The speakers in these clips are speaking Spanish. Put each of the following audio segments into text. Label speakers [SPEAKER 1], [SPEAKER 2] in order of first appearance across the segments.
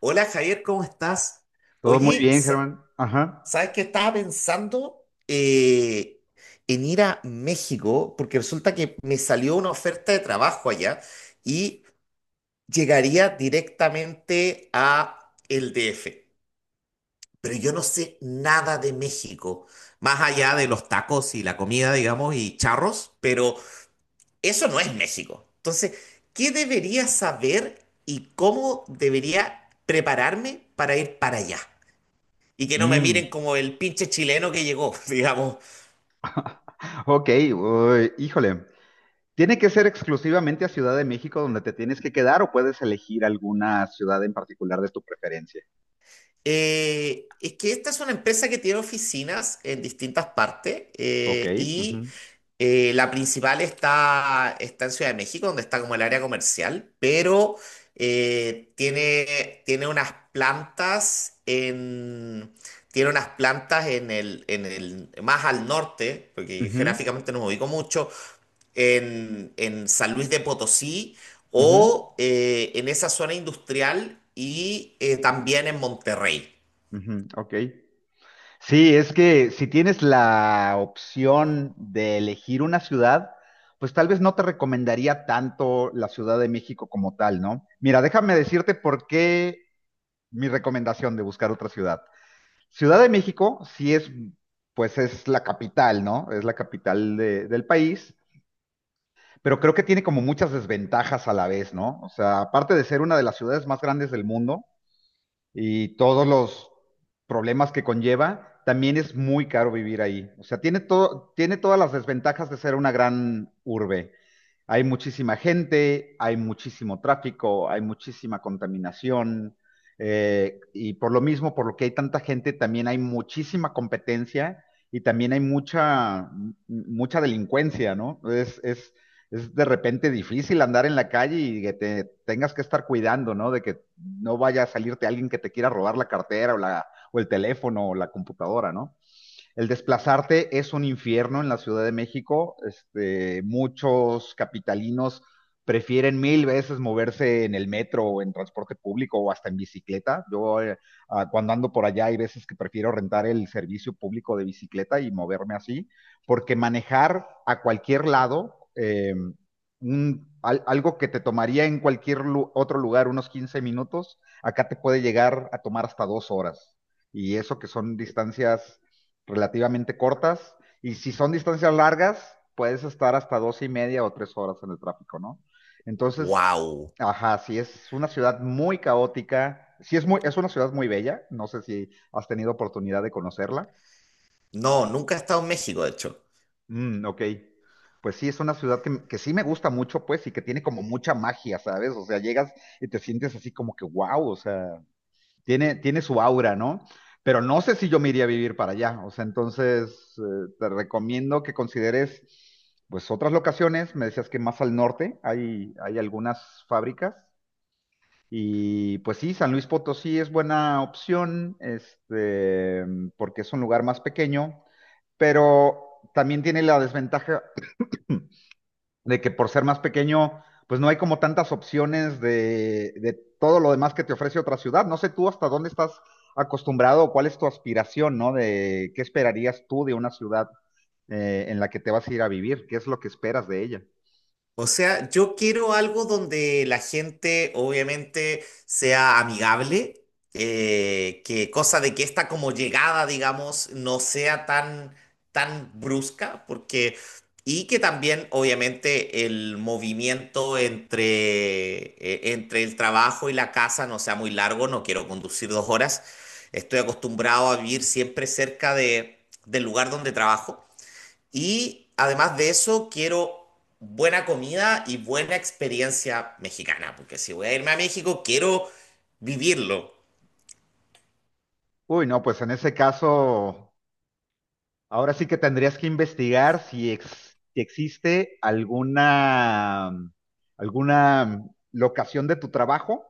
[SPEAKER 1] Hola Javier, ¿cómo estás?
[SPEAKER 2] Todo muy
[SPEAKER 1] Oye,
[SPEAKER 2] bien,
[SPEAKER 1] sa-
[SPEAKER 2] Germán. Ajá.
[SPEAKER 1] ¿Sabes qué estaba pensando? En ir a México, porque resulta que me salió una oferta de trabajo allá y llegaría directamente a el DF. Pero yo no sé nada de México, más allá de los tacos y la comida, digamos, y charros, pero eso no es México. Entonces, ¿qué debería saber y cómo debería prepararme para ir para allá? Y que no me
[SPEAKER 2] Mm.
[SPEAKER 1] miren como el pinche chileno que llegó, digamos.
[SPEAKER 2] Ok, uy, híjole. ¿Tiene que ser exclusivamente a Ciudad de México donde te tienes que quedar o puedes elegir alguna ciudad en particular de tu preferencia?
[SPEAKER 1] Es que esta es una empresa que tiene oficinas en distintas partes,
[SPEAKER 2] Ok.
[SPEAKER 1] y
[SPEAKER 2] Ujú.
[SPEAKER 1] la principal está en Ciudad de México, donde está como el área comercial, pero tiene unas plantas en... Tiene unas plantas en más al norte, porque yo
[SPEAKER 2] Ujú.
[SPEAKER 1] geográficamente no me ubico mucho, en San Luis de Potosí
[SPEAKER 2] Ujú.
[SPEAKER 1] o en esa zona industrial y también en Monterrey.
[SPEAKER 2] Ujú. Ok. Sí, es que si tienes la opción de elegir una ciudad, pues tal vez no te recomendaría tanto la Ciudad de México como tal, ¿no? Mira, déjame decirte por qué mi recomendación de buscar otra ciudad. Ciudad de México sí es, pues es la capital, ¿no? Es la capital del país, pero creo que tiene como muchas desventajas a la vez, ¿no? O sea, aparte de ser una de las ciudades más grandes del mundo, y todos los problemas que conlleva, también es muy caro vivir ahí. O sea, tiene todo, tiene todas las desventajas de ser una gran urbe. Hay muchísima gente, hay muchísimo tráfico, hay muchísima contaminación, y por lo mismo, por lo que hay tanta gente, también hay muchísima competencia y también hay mucha delincuencia, ¿no? Es de repente difícil andar en la calle y que te tengas que estar cuidando, ¿no? De que no vaya a salirte alguien que te quiera robar la cartera o el teléfono o la computadora, ¿no? El desplazarte es un infierno en la Ciudad de México. Este, muchos capitalinos prefieren mil veces moverse en el metro o en transporte público o hasta en bicicleta. Yo cuando ando por allá hay veces que prefiero rentar el servicio público de bicicleta y moverme así, porque manejar a cualquier lado, algo que te tomaría en cualquier otro lugar unos 15 minutos, acá te puede llegar a tomar hasta 2 horas. Y eso que son distancias relativamente cortas. Y si son distancias largas, puedes estar hasta dos y media o 3 horas en el tráfico, ¿no? Entonces,
[SPEAKER 1] ¡Wow!
[SPEAKER 2] ajá, sí, es una ciudad muy caótica. Sí, es una ciudad muy bella. No sé si has tenido oportunidad de conocerla.
[SPEAKER 1] No, nunca he estado en México, de hecho.
[SPEAKER 2] Mm, ok. Pues sí, es una ciudad que sí me gusta mucho, pues, y que tiene como mucha magia, ¿sabes? O sea, llegas y te sientes así como que wow, o sea. Tiene, tiene su aura, ¿no? Pero no sé si yo me iría a vivir para allá. O sea, entonces te recomiendo que consideres pues otras locaciones. Me decías que más al norte hay algunas fábricas. Y pues sí, San Luis Potosí es buena opción, este, porque es un lugar más pequeño, pero también tiene la desventaja de que por ser más pequeño, pues no hay como tantas opciones de todo lo demás que te ofrece otra ciudad. No sé tú hasta dónde estás acostumbrado o cuál es tu aspiración, ¿no? De qué esperarías tú de una ciudad en la que te vas a ir a vivir, qué es lo que esperas de ella.
[SPEAKER 1] O sea, yo quiero algo donde la gente obviamente sea amigable, que cosa de que esta como llegada, digamos, no sea tan, tan brusca, porque, y que también obviamente el movimiento entre el trabajo y la casa no sea muy largo, no quiero conducir dos horas, estoy acostumbrado a vivir siempre cerca de, del lugar donde trabajo. Y además de eso, quiero buena comida y buena experiencia mexicana, porque si voy a irme a México, quiero vivirlo.
[SPEAKER 2] Uy, no, pues en ese caso, ahora sí que tendrías que investigar si existe alguna locación de tu trabajo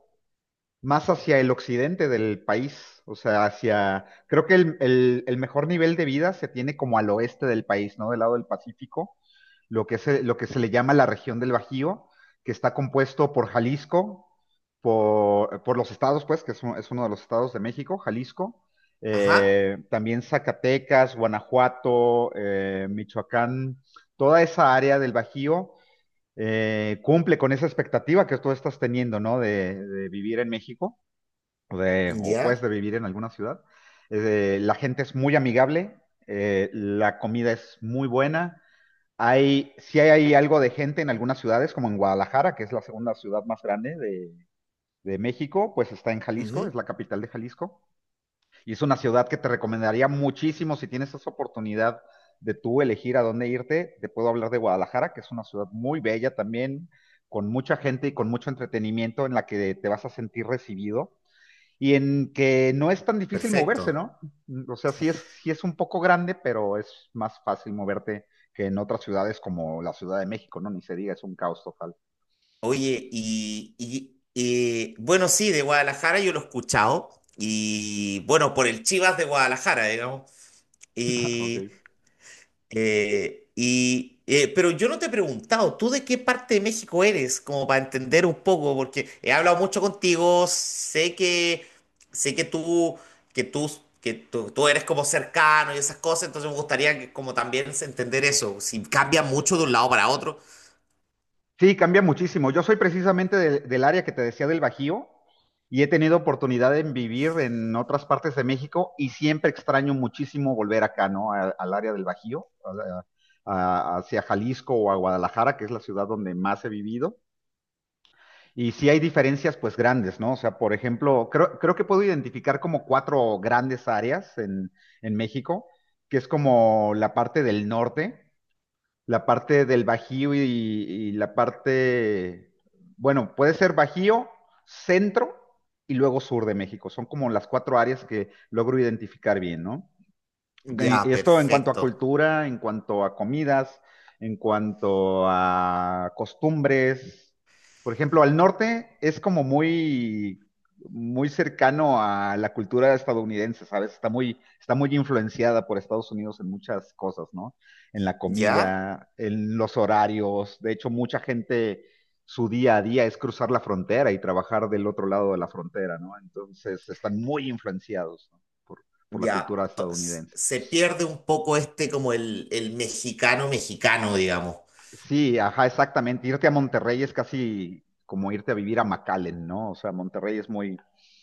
[SPEAKER 2] más hacia el occidente del país, o sea, hacia, creo que el mejor nivel de vida se tiene como al oeste del país, ¿no? Del lado del Pacífico, lo que se le llama la región del Bajío, que está compuesto por Jalisco, por los estados, pues, que es, es uno de los estados de México, Jalisco,
[SPEAKER 1] Ajá,
[SPEAKER 2] también Zacatecas, Guanajuato, Michoacán, toda esa área del Bajío. Eh, cumple con esa expectativa que tú estás teniendo, ¿no? de vivir en México o pues
[SPEAKER 1] ya,
[SPEAKER 2] de vivir en alguna ciudad. La gente es muy amigable, la comida es muy buena. Sí hay algo de gente en algunas ciudades, como en Guadalajara, que es la segunda ciudad más grande de México, pues está en Jalisco,
[SPEAKER 1] ujú,
[SPEAKER 2] es la capital de Jalisco. Y es una ciudad que te recomendaría muchísimo si tienes esa oportunidad de tú elegir a dónde irte. Te puedo hablar de Guadalajara, que es una ciudad muy bella también, con mucha gente y con mucho entretenimiento en la que te vas a sentir recibido y en que no es tan difícil moverse,
[SPEAKER 1] perfecto.
[SPEAKER 2] ¿no? Mm. O sea, sí es un poco grande, pero es más fácil moverte que en otras ciudades como la Ciudad de México, ¿no? Ni se diga, es un caos total.
[SPEAKER 1] Oye, bueno, sí, de Guadalajara yo lo he escuchado, y bueno, por el Chivas de Guadalajara, digamos.
[SPEAKER 2] Ok.
[SPEAKER 1] Pero yo no te he preguntado, ¿tú de qué parte de México eres? Como para entender un poco, porque he hablado mucho contigo, sé que tú, que tú, tú eres como cercano y esas cosas, entonces me gustaría que como también se- entender eso, si cambia mucho de un lado para otro.
[SPEAKER 2] Sí, cambia muchísimo. Yo soy precisamente del, del área que te decía del Bajío y he tenido oportunidad de vivir en otras partes de México y siempre extraño muchísimo volver acá, ¿no? A- al área del Bajío, a- hacia Jalisco o a Guadalajara, que es la ciudad donde más he vivido. Y sí hay diferencias pues grandes, ¿no? O sea, por ejemplo, creo, creo que puedo identificar como cuatro grandes áreas en México, que es como la parte del norte, la parte del Bajío y la parte, bueno, puede ser Bajío, centro y luego sur de México. Son como las cuatro áreas que logro identificar bien, ¿no?
[SPEAKER 1] Ya,
[SPEAKER 2] Esto en cuanto a
[SPEAKER 1] perfecto.
[SPEAKER 2] cultura, en cuanto a comidas, en cuanto a costumbres. Por ejemplo, al norte es como muy, muy cercano a la cultura estadounidense, ¿sabes? Está muy influenciada por Estados Unidos en muchas cosas, ¿no? En la
[SPEAKER 1] Ya,
[SPEAKER 2] comida, en los horarios. De hecho, mucha gente, su día a día es cruzar la frontera y trabajar del otro lado de la frontera, ¿no? Entonces, están muy influenciados, ¿no? por, por la
[SPEAKER 1] ya.
[SPEAKER 2] cultura
[SPEAKER 1] Entonces,
[SPEAKER 2] estadounidense.
[SPEAKER 1] se pierde un poco este como el mexicano mexicano, digamos.
[SPEAKER 2] Sí, ajá, exactamente. Irte a Monterrey es casi como irte a vivir a McAllen, ¿no? O sea, Monterrey es muy,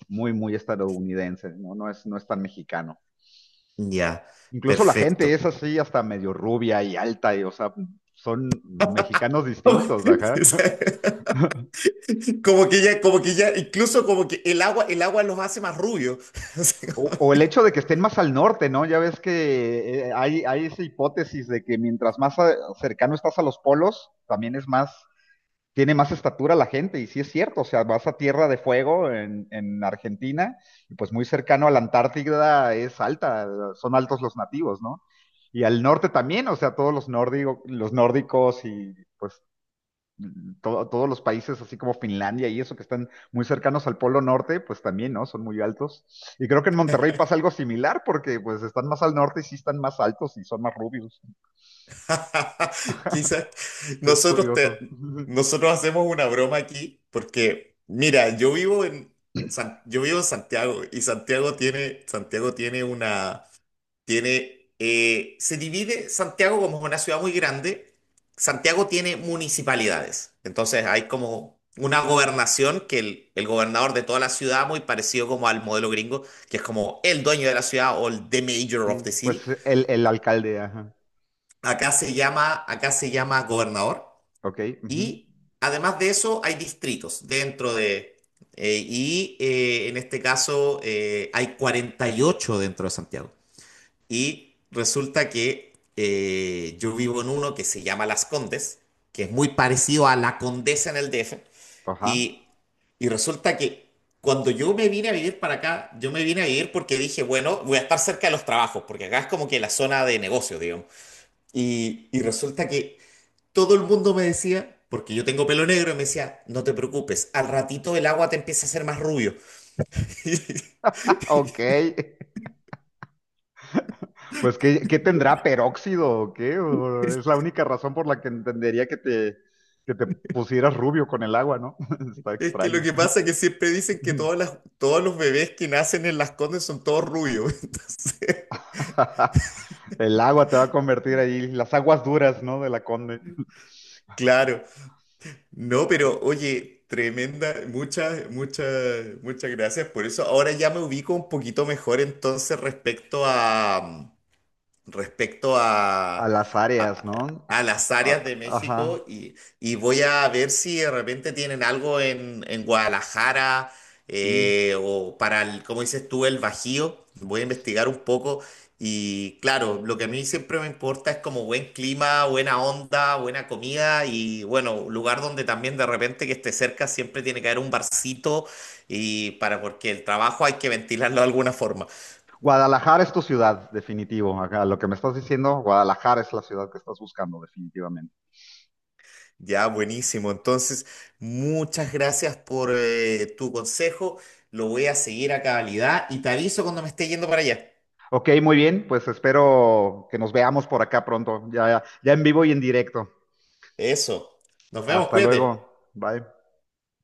[SPEAKER 2] muy, muy estadounidense, ¿no? No es tan mexicano.
[SPEAKER 1] Ya,
[SPEAKER 2] Incluso la gente es
[SPEAKER 1] perfecto.
[SPEAKER 2] así, hasta medio rubia y alta, y, o sea, son mexicanos distintos, ajá.
[SPEAKER 1] Como que ya, incluso como que el agua los hace más rubios. Así
[SPEAKER 2] O,
[SPEAKER 1] como-
[SPEAKER 2] o el hecho de que estén más al norte, ¿no? Ya ves que hay esa hipótesis de que mientras más cercano estás a los polos, también es más tiene más estatura la gente, y sí es cierto, o sea, vas a Tierra de Fuego en Argentina, y pues muy cercano a la Antártida es alta, son altos los nativos, ¿no? Y al norte también, o sea, todos los nórdicos y pues todos los países, así como Finlandia y eso, que están muy cercanos al Polo Norte, pues también, ¿no? Son muy altos. Y creo que en Monterrey pasa algo similar, porque pues están más al norte y sí están más altos y son más rubios.
[SPEAKER 1] Quizás
[SPEAKER 2] Es
[SPEAKER 1] nosotros,
[SPEAKER 2] curioso.
[SPEAKER 1] te- nosotros hacemos una broma aquí porque, mira, yo vivo en Santiago y Santiago tiene una, tiene, se divide, Santiago, como es una ciudad muy grande, Santiago tiene municipalidades, entonces hay como una gobernación que el gobernador de toda la ciudad, muy parecido como al modelo gringo, que es como el dueño de la ciudad o el the mayor of
[SPEAKER 2] Sí,
[SPEAKER 1] the
[SPEAKER 2] pues
[SPEAKER 1] city.
[SPEAKER 2] el alcalde, ajá.
[SPEAKER 1] Acá se llama gobernador
[SPEAKER 2] Ok, ujú,
[SPEAKER 1] y además de eso hay distritos dentro de... En este caso hay 48 dentro de Santiago. Y resulta que yo vivo en uno que se llama Las Condes, que es muy parecido a La Condesa en el DF.
[SPEAKER 2] ajá.
[SPEAKER 1] Y, y resulta que cuando yo me vine a vivir para acá, yo me vine a vivir porque dije, bueno, voy a estar cerca de los trabajos, porque acá es como que la zona de negocios, digamos. Y resulta que todo el mundo me decía, porque yo tengo pelo negro, y me decía, no te preocupes, al ratito el agua te empieza a hacer más rubio.
[SPEAKER 2] Ok, pues ¿qué, qué tendrá peróxido o qué?
[SPEAKER 1] Y
[SPEAKER 2] ¿O
[SPEAKER 1] Es
[SPEAKER 2] es la única razón por la que entendería que te pusieras rubio con el agua, ¿no? Está
[SPEAKER 1] es que lo
[SPEAKER 2] extraño.
[SPEAKER 1] que pasa es que siempre dicen que todos los bebés que nacen en las Condes son todos rubios. Entonces,
[SPEAKER 2] El agua te va a convertir ahí, las aguas duras, ¿no? De la Conde.
[SPEAKER 1] claro, no, pero oye, tremenda, muchas gracias por eso. Ahora ya me ubico un poquito mejor entonces respecto
[SPEAKER 2] A las áreas,
[SPEAKER 1] a-
[SPEAKER 2] ¿no?
[SPEAKER 1] a las
[SPEAKER 2] A-
[SPEAKER 1] áreas de
[SPEAKER 2] ajá,
[SPEAKER 1] México y voy a ver si de repente tienen algo en Guadalajara,
[SPEAKER 2] sí.
[SPEAKER 1] o para, el, como dices tú, el Bajío. Voy a investigar un poco y claro, lo que a mí siempre me importa es como buen clima, buena onda, buena comida y bueno, lugar donde también de repente que esté cerca siempre tiene que haber un barcito y para porque el trabajo hay que ventilarlo de alguna forma.
[SPEAKER 2] Guadalajara es tu ciudad, definitivo. Ajá, lo que me estás diciendo, Guadalajara es la ciudad que estás buscando, definitivamente.
[SPEAKER 1] Ya, buenísimo. Entonces, muchas gracias por tu consejo. Lo voy a seguir a cabalidad y te aviso cuando me esté yendo para allá.
[SPEAKER 2] Ok, muy bien, pues espero que nos veamos por acá pronto, ya, ya en vivo y en directo.
[SPEAKER 1] Eso. Nos vemos,
[SPEAKER 2] Hasta
[SPEAKER 1] cuídate.
[SPEAKER 2] luego. Bye.